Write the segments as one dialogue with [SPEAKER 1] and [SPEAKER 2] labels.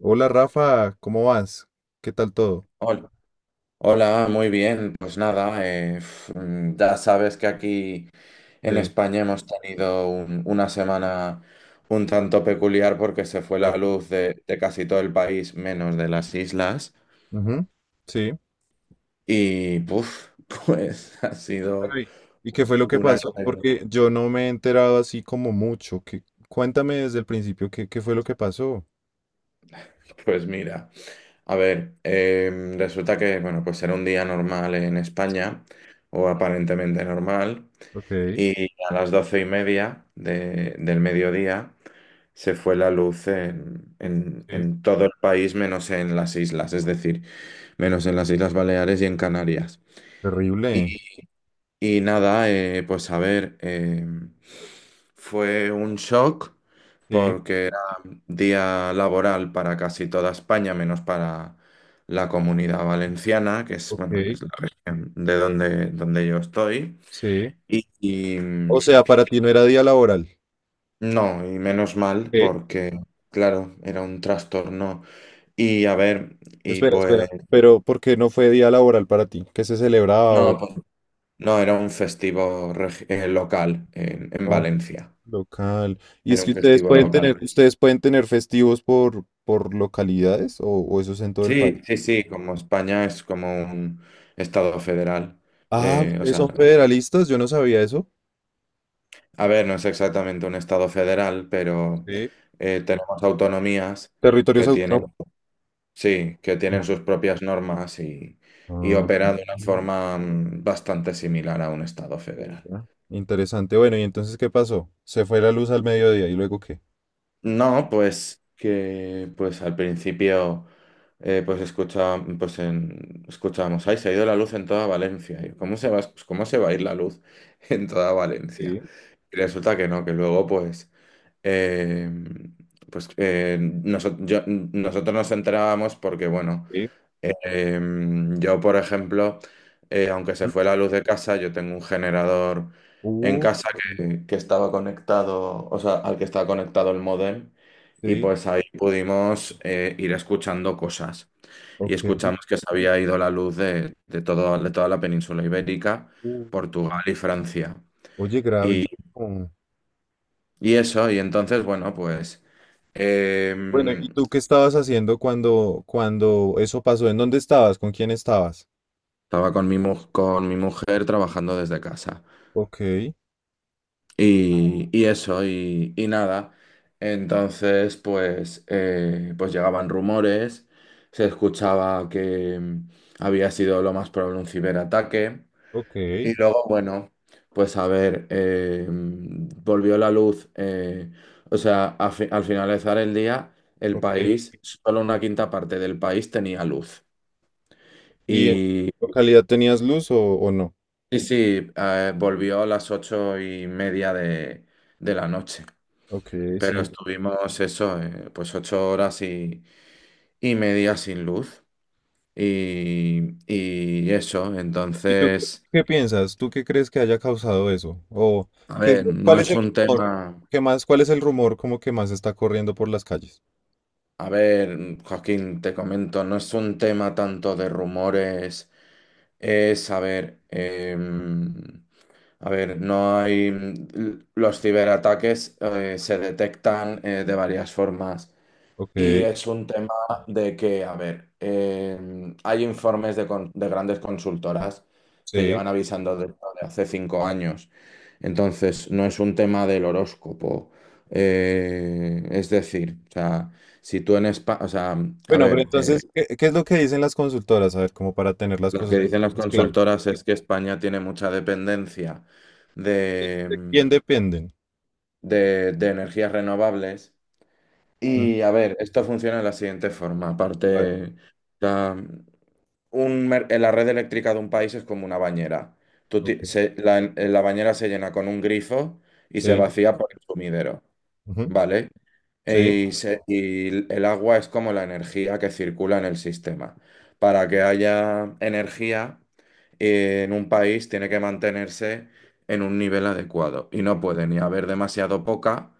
[SPEAKER 1] Hola Rafa, ¿cómo vas? ¿Qué tal todo?
[SPEAKER 2] Hola, hola, muy bien. Pues nada, ya sabes que aquí en
[SPEAKER 1] Sí,
[SPEAKER 2] España hemos tenido una semana un tanto peculiar porque se fue la
[SPEAKER 1] claro.
[SPEAKER 2] luz de casi todo el país, menos de las islas.
[SPEAKER 1] Ujú. Sí.
[SPEAKER 2] Y puf, pues ha sido
[SPEAKER 1] Bueno, y- ¿Y qué fue lo que
[SPEAKER 2] una
[SPEAKER 1] pasó?
[SPEAKER 2] experiencia.
[SPEAKER 1] Porque yo no me he enterado así como mucho. Cuéntame desde el principio qué fue lo que pasó.
[SPEAKER 2] Pues mira, a ver, resulta que, bueno, pues era un día normal en España, o aparentemente normal,
[SPEAKER 1] Ok,
[SPEAKER 2] y a las 12:30 del mediodía. Se fue la luz en, en,
[SPEAKER 1] sí.
[SPEAKER 2] en todo el país, menos en las islas, es decir, menos en las Islas Baleares y en Canarias. Y,
[SPEAKER 1] Terrible.
[SPEAKER 2] y nada, pues a ver, fue un shock
[SPEAKER 1] Sí,
[SPEAKER 2] porque día laboral para casi toda España, menos para la Comunidad Valenciana, que es, bueno,
[SPEAKER 1] ok,
[SPEAKER 2] es la región de donde yo estoy.
[SPEAKER 1] sí.
[SPEAKER 2] Y, y
[SPEAKER 1] O
[SPEAKER 2] mm,
[SPEAKER 1] sea, para ti no era día laboral.
[SPEAKER 2] no, y menos mal
[SPEAKER 1] ¿Qué?
[SPEAKER 2] porque, claro, era un trastorno. Y a ver, y
[SPEAKER 1] Espera. Pero ¿por qué no fue día laboral para ti? ¿Qué se celebraba o
[SPEAKER 2] pues, no, era un festivo local en
[SPEAKER 1] no?
[SPEAKER 2] Valencia.
[SPEAKER 1] Local. Y es
[SPEAKER 2] Era
[SPEAKER 1] que
[SPEAKER 2] un
[SPEAKER 1] ustedes
[SPEAKER 2] festivo
[SPEAKER 1] pueden
[SPEAKER 2] local.
[SPEAKER 1] tener, ustedes pueden tener festivos por localidades o eso es en todo el país.
[SPEAKER 2] Sí, sí, sí, como España es como un estado federal.
[SPEAKER 1] Ah, no,
[SPEAKER 2] eh, o
[SPEAKER 1] ustedes
[SPEAKER 2] sea,
[SPEAKER 1] son federalistas, yo no sabía eso.
[SPEAKER 2] a ver, no es exactamente un estado federal, pero
[SPEAKER 1] Sí.
[SPEAKER 2] tenemos autonomías
[SPEAKER 1] Territorios
[SPEAKER 2] que tienen,
[SPEAKER 1] autónomos.
[SPEAKER 2] sí, que tienen sus propias normas y
[SPEAKER 1] Ah,
[SPEAKER 2] operan de una forma bastante similar a un estado federal.
[SPEAKER 1] ya. Interesante. Bueno, ¿y entonces qué pasó? ¿Se fue la luz al mediodía y luego qué?
[SPEAKER 2] No, pues que pues al principio, pues escucha, pues escuchábamos, ay, se ha ido la luz en toda Valencia. Y yo, ¿cómo se va, pues, cómo se va a ir la luz en toda Valencia?
[SPEAKER 1] Sí,
[SPEAKER 2] Y resulta que no, que luego pues, eh, nosotros nos enterábamos porque, bueno,
[SPEAKER 1] sí.
[SPEAKER 2] eh, yo, por ejemplo, aunque se
[SPEAKER 1] Mm.
[SPEAKER 2] fue la luz de casa, yo tengo un generador en
[SPEAKER 1] Uh,
[SPEAKER 2] casa que estaba conectado, o sea, al que estaba conectado el módem, y
[SPEAKER 1] sí,
[SPEAKER 2] pues ahí pudimos ir escuchando cosas. Y
[SPEAKER 1] ok.
[SPEAKER 2] escuchamos que se había ido la luz de todo, de toda la península ibérica,
[SPEAKER 1] Uh.
[SPEAKER 2] Portugal y Francia.
[SPEAKER 1] Oye,
[SPEAKER 2] Y,
[SPEAKER 1] gravísimo.
[SPEAKER 2] y eso, y entonces, bueno, pues eh,
[SPEAKER 1] Bueno, ¿y tú qué estabas haciendo cuando, cuando eso pasó? ¿En dónde estabas? ¿Con quién estabas?
[SPEAKER 2] estaba con con mi mujer trabajando desde casa.
[SPEAKER 1] Ok.
[SPEAKER 2] Y eso, y nada. Entonces, pues, pues llegaban rumores, se escuchaba que había sido lo más probable un ciberataque.
[SPEAKER 1] Ok,
[SPEAKER 2] Y luego, bueno, pues a ver, volvió la luz. Al finalizar el día, el
[SPEAKER 1] ok.
[SPEAKER 2] país, solo una quinta parte del país tenía luz.
[SPEAKER 1] ¿Y en
[SPEAKER 2] Y
[SPEAKER 1] tu localidad tenías luz o no?
[SPEAKER 2] sí, sí, volvió a las 8:30 de la noche.
[SPEAKER 1] Ok,
[SPEAKER 2] Pero
[SPEAKER 1] sí.
[SPEAKER 2] estuvimos eso, pues 8 horas y media sin luz. Y eso,
[SPEAKER 1] ¿Y tú
[SPEAKER 2] entonces,
[SPEAKER 1] qué piensas? ¿Tú qué crees que haya causado eso? ¿O
[SPEAKER 2] a ver, no
[SPEAKER 1] cuál es
[SPEAKER 2] es
[SPEAKER 1] el
[SPEAKER 2] un
[SPEAKER 1] rumor?
[SPEAKER 2] tema,
[SPEAKER 1] ¿Qué más? ¿Cuál es el rumor como que más está corriendo por las calles?
[SPEAKER 2] a ver, Joaquín, te comento, no es un tema tanto de rumores, es, a ver, a ver, no hay. Los ciberataques se detectan de varias formas.
[SPEAKER 1] Ok,
[SPEAKER 2] Y es un tema de que, a ver, hay informes de grandes consultoras que
[SPEAKER 1] sí.
[SPEAKER 2] llevan avisando de esto de hace 5 años. Entonces, no es un tema del horóscopo. Es decir, o sea, si tú en España, o sea, a
[SPEAKER 1] Bueno, pero
[SPEAKER 2] ver,
[SPEAKER 1] entonces, ¿qué, qué es lo que dicen las consultoras? A ver, como para tener las
[SPEAKER 2] lo
[SPEAKER 1] cosas
[SPEAKER 2] que dicen las
[SPEAKER 1] más claras.
[SPEAKER 2] consultoras es que España tiene mucha dependencia de,
[SPEAKER 1] ¿De
[SPEAKER 2] em,
[SPEAKER 1] quién dependen?
[SPEAKER 2] de energías renovables.
[SPEAKER 1] Mm,
[SPEAKER 2] Y a ver, esto funciona de la siguiente forma.
[SPEAKER 1] a ver,
[SPEAKER 2] Aparte, la red eléctrica de un país es como una bañera. Tú ti-
[SPEAKER 1] ok.
[SPEAKER 2] se- la bañera se llena con un grifo y se
[SPEAKER 1] Sí,
[SPEAKER 2] vacía por el sumidero,
[SPEAKER 1] ujú,
[SPEAKER 2] ¿vale?
[SPEAKER 1] sí.
[SPEAKER 2] El agua es como la energía que circula en el sistema. Para que haya energía en un país tiene que mantenerse en un nivel adecuado y no puede ni haber demasiado poca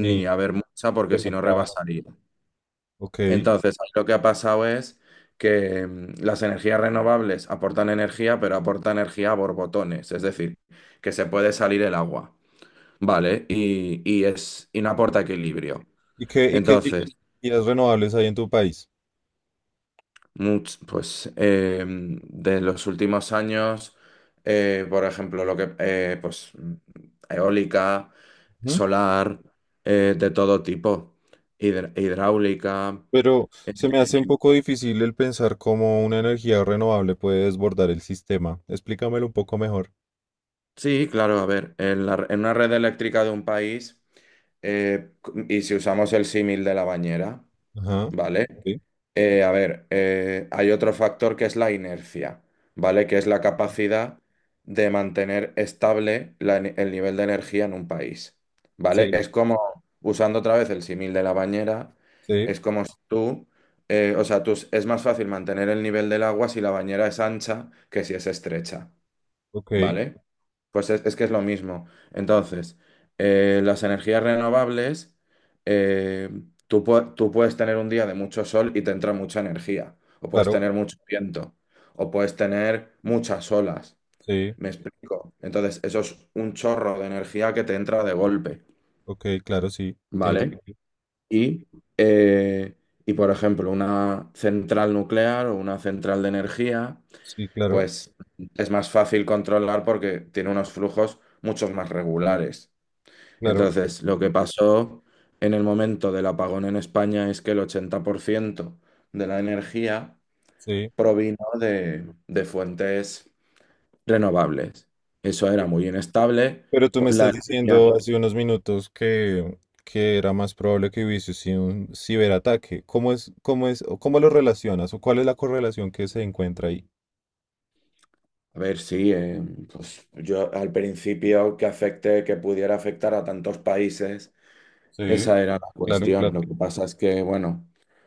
[SPEAKER 1] Ni
[SPEAKER 2] haber mucha porque si no
[SPEAKER 1] demasiado.
[SPEAKER 2] rebasaría.
[SPEAKER 1] Ok.
[SPEAKER 2] Entonces, ahí lo que ha pasado es que las energías renovables aportan energía, pero aportan energía a borbotones, es decir, que se puede salir el agua, ¿vale? Y no aporta equilibrio.
[SPEAKER 1] ¿Y qué tipos
[SPEAKER 2] Entonces,
[SPEAKER 1] de energías renovables hay en tu país?
[SPEAKER 2] de los últimos años, por ejemplo, lo que, eólica, solar, de todo tipo, hidráulica.
[SPEAKER 1] Pero se me hace
[SPEAKER 2] eh,
[SPEAKER 1] un poco difícil el pensar cómo una energía renovable puede desbordar el sistema. Explícamelo un poco mejor.
[SPEAKER 2] Sí, claro, a ver, en una red eléctrica de un país, eh, y si usamos el símil de la bañera,
[SPEAKER 1] Ajá,
[SPEAKER 2] ¿vale?
[SPEAKER 1] sí,
[SPEAKER 2] A ver, hay otro factor que es la inercia, ¿vale? Que es la capacidad de mantener estable el nivel de energía en un país, ¿vale?
[SPEAKER 1] sí,
[SPEAKER 2] Es como, usando otra vez el símil de la bañera,
[SPEAKER 1] sí,
[SPEAKER 2] es como si tú, es más fácil mantener el nivel del agua si la bañera es ancha que si es estrecha.
[SPEAKER 1] ok,
[SPEAKER 2] Vale, pues es que es lo mismo. Entonces, las energías renovables, eh, tú puedes tener un día de mucho sol y te entra mucha energía, o puedes
[SPEAKER 1] claro,
[SPEAKER 2] tener mucho viento, o puedes tener muchas olas.
[SPEAKER 1] sí,
[SPEAKER 2] ¿Me explico? Entonces, eso es un chorro de energía que te entra de golpe,
[SPEAKER 1] ok, claro, sí, tiene
[SPEAKER 2] ¿vale?
[SPEAKER 1] sentido.
[SPEAKER 2] Y, eh, y por ejemplo, una central nuclear o una central de energía
[SPEAKER 1] Sí, claro,
[SPEAKER 2] pues es más fácil controlar porque tiene unos flujos muchos más regulares.
[SPEAKER 1] claro,
[SPEAKER 2] Entonces, lo que pasó en el momento del apagón en España es que el 80% de la energía
[SPEAKER 1] sí.
[SPEAKER 2] provino de fuentes renovables. Eso era muy inestable.
[SPEAKER 1] Pero tú
[SPEAKER 2] Po-
[SPEAKER 1] me estás
[SPEAKER 2] La
[SPEAKER 1] diciendo
[SPEAKER 2] energía,
[SPEAKER 1] hace unos minutos que era más probable que hubiese sido un ciberataque. ¿ o cómo lo relacionas o cuál es la correlación que se encuentra ahí?
[SPEAKER 2] a ver, sí, pues yo al principio que afecte, que pudiera afectar a tantos países,
[SPEAKER 1] Sí,
[SPEAKER 2] esa era la
[SPEAKER 1] claro,
[SPEAKER 2] cuestión.
[SPEAKER 1] claro.
[SPEAKER 2] Lo que pasa es que, bueno,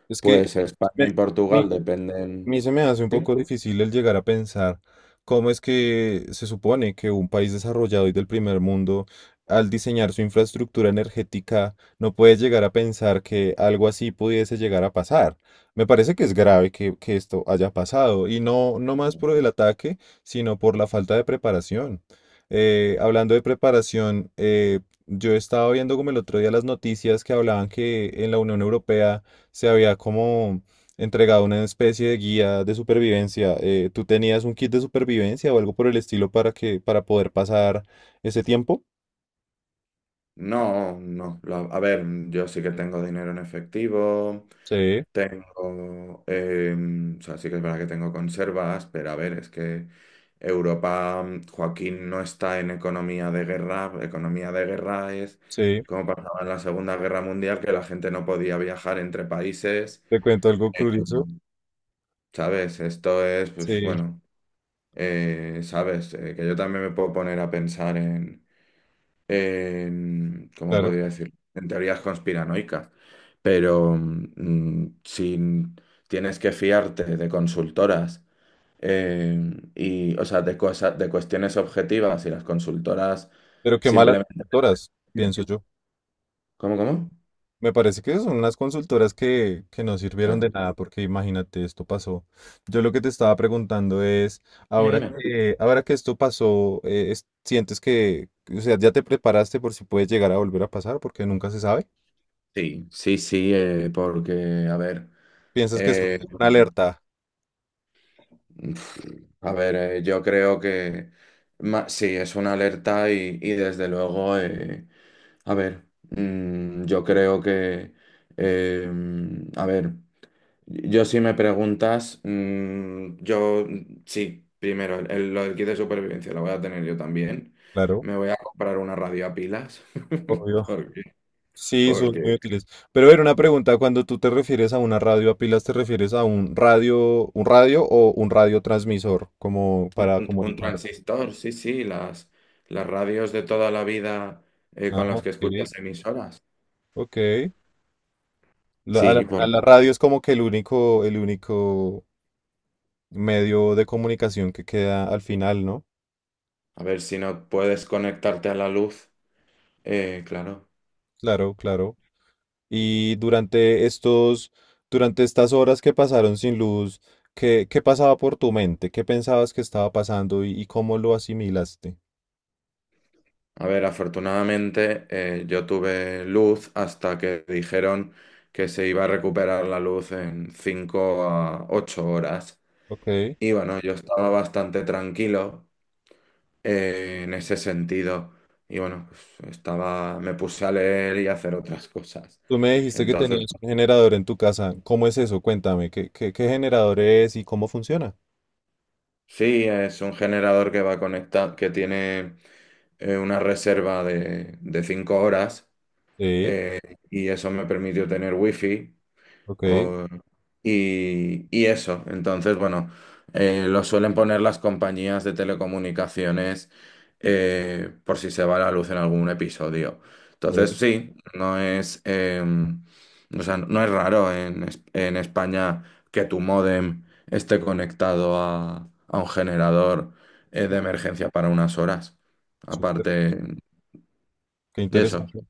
[SPEAKER 1] Es que
[SPEAKER 2] pues España
[SPEAKER 1] me-
[SPEAKER 2] y
[SPEAKER 1] mi,
[SPEAKER 2] Portugal
[SPEAKER 1] a
[SPEAKER 2] dependen.
[SPEAKER 1] mí se me hace un
[SPEAKER 2] ¿Sí?
[SPEAKER 1] poco difícil el llegar a pensar cómo es que se supone que un país desarrollado y del primer mundo, al diseñar su infraestructura energética, no puede llegar a pensar que algo así pudiese llegar a pasar. Me parece que es grave que esto haya pasado, y no, no más por el ataque, sino por la falta de preparación. Hablando de preparación, yo estaba viendo como el otro día las noticias que hablaban que en la Unión Europea se había como entregaba una especie de guía de supervivencia. ¿Tú tenías un kit de supervivencia o algo por el estilo para para poder pasar ese tiempo?
[SPEAKER 2] No, no. A ver, yo sí que tengo dinero en efectivo,
[SPEAKER 1] Sí,
[SPEAKER 2] tengo, o sea, sí que es verdad que tengo conservas, pero a ver, es que Europa, Joaquín no está en economía de guerra. Economía de guerra es
[SPEAKER 1] sí.
[SPEAKER 2] como pasaba en la Segunda Guerra Mundial, que la gente no podía viajar entre países.
[SPEAKER 1] Te cuento algo curioso.
[SPEAKER 2] Mm. ¿Sabes? Esto es, pues
[SPEAKER 1] Sí,
[SPEAKER 2] bueno, ¿sabes? Que yo también me puedo poner a pensar ¿cómo
[SPEAKER 1] claro.
[SPEAKER 2] podría decir? En teorías conspiranoicas, pero si tienes que fiarte de consultoras eh, y, o sea, de cosas, de cuestiones objetivas y las consultoras
[SPEAKER 1] Pero qué malas
[SPEAKER 2] simplemente...
[SPEAKER 1] consultoras, pienso yo.
[SPEAKER 2] ¿Cómo, cómo?
[SPEAKER 1] Me parece que son unas consultoras que no sirvieron de
[SPEAKER 2] Claro.
[SPEAKER 1] nada, porque imagínate, esto pasó. Yo lo que te estaba preguntando es,
[SPEAKER 2] Dime, dime.
[SPEAKER 1] ahora que esto pasó, ¿sientes que, o sea, ya te preparaste por si puede llegar a volver a pasar? Porque nunca se sabe.
[SPEAKER 2] Sí, sí, sí, porque,
[SPEAKER 1] Piensas que es
[SPEAKER 2] eh,
[SPEAKER 1] una alerta.
[SPEAKER 2] a ver, yo creo que sí, es una alerta y desde luego... A ver, yo creo que, a ver, yo si me preguntas, sí, primero, lo del kit de supervivencia lo voy a tener yo también.
[SPEAKER 1] Claro,
[SPEAKER 2] Me voy a comprar una radio a pilas,
[SPEAKER 1] obvio.
[SPEAKER 2] porque,
[SPEAKER 1] Sí, son
[SPEAKER 2] porque
[SPEAKER 1] muy útiles. Pero a ver, una pregunta, cuando tú te refieres a una radio a pilas, ¿te refieres a un radio o un radiotransmisor como
[SPEAKER 2] un,
[SPEAKER 1] para
[SPEAKER 2] un- un
[SPEAKER 1] comunicar?
[SPEAKER 2] transistor, sí, sí, las radios de toda la vida
[SPEAKER 1] Ah,
[SPEAKER 2] con las
[SPEAKER 1] ok,
[SPEAKER 2] que escuchas emisoras.
[SPEAKER 1] ok.
[SPEAKER 2] Sí,
[SPEAKER 1] A
[SPEAKER 2] por,
[SPEAKER 1] la radio es como que el único medio de comunicación que queda al final, ¿no?
[SPEAKER 2] a ver si no puedes conectarte a la luz, claro.
[SPEAKER 1] Claro, claro. Y durante durante estas horas que pasaron sin luz, ¿qué pasaba por tu mente? ¿Qué pensabas que estaba pasando y cómo lo asimilaste?
[SPEAKER 2] A ver, afortunadamente yo tuve luz hasta que dijeron que se iba a recuperar la luz en 5 a 8 horas.
[SPEAKER 1] Ok.
[SPEAKER 2] Y bueno, yo estaba bastante tranquilo en ese sentido. Y bueno, pues, estaba, me puse a leer y a hacer otras cosas.
[SPEAKER 1] Tú me dijiste que
[SPEAKER 2] Entonces,
[SPEAKER 1] tenías un generador en tu casa. ¿Cómo es eso? Cuéntame, qué generador es y cómo funciona?
[SPEAKER 2] sí, es un generador que va conectado, que tiene una reserva de 5 horas,
[SPEAKER 1] Sí,
[SPEAKER 2] eh, y eso me permitió tener wifi.
[SPEAKER 1] ok.
[SPEAKER 2] O- y eso, entonces, bueno, lo suelen poner las compañías de telecomunicaciones por si se va la luz en algún episodio. Entonces,
[SPEAKER 1] Ok,
[SPEAKER 2] sí, o sea, no es raro en España que tu módem esté conectado a un generador de
[SPEAKER 1] no,
[SPEAKER 2] emergencia para unas horas.
[SPEAKER 1] súper.
[SPEAKER 2] Aparte,
[SPEAKER 1] Qué
[SPEAKER 2] y eso.
[SPEAKER 1] interesante.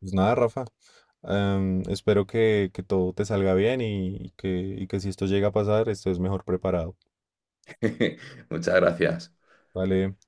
[SPEAKER 1] Pues nada, Rafa. Espero que todo te salga bien y que si esto llega a pasar, estés mejor preparado.
[SPEAKER 2] Muchas gracias.
[SPEAKER 1] Vale.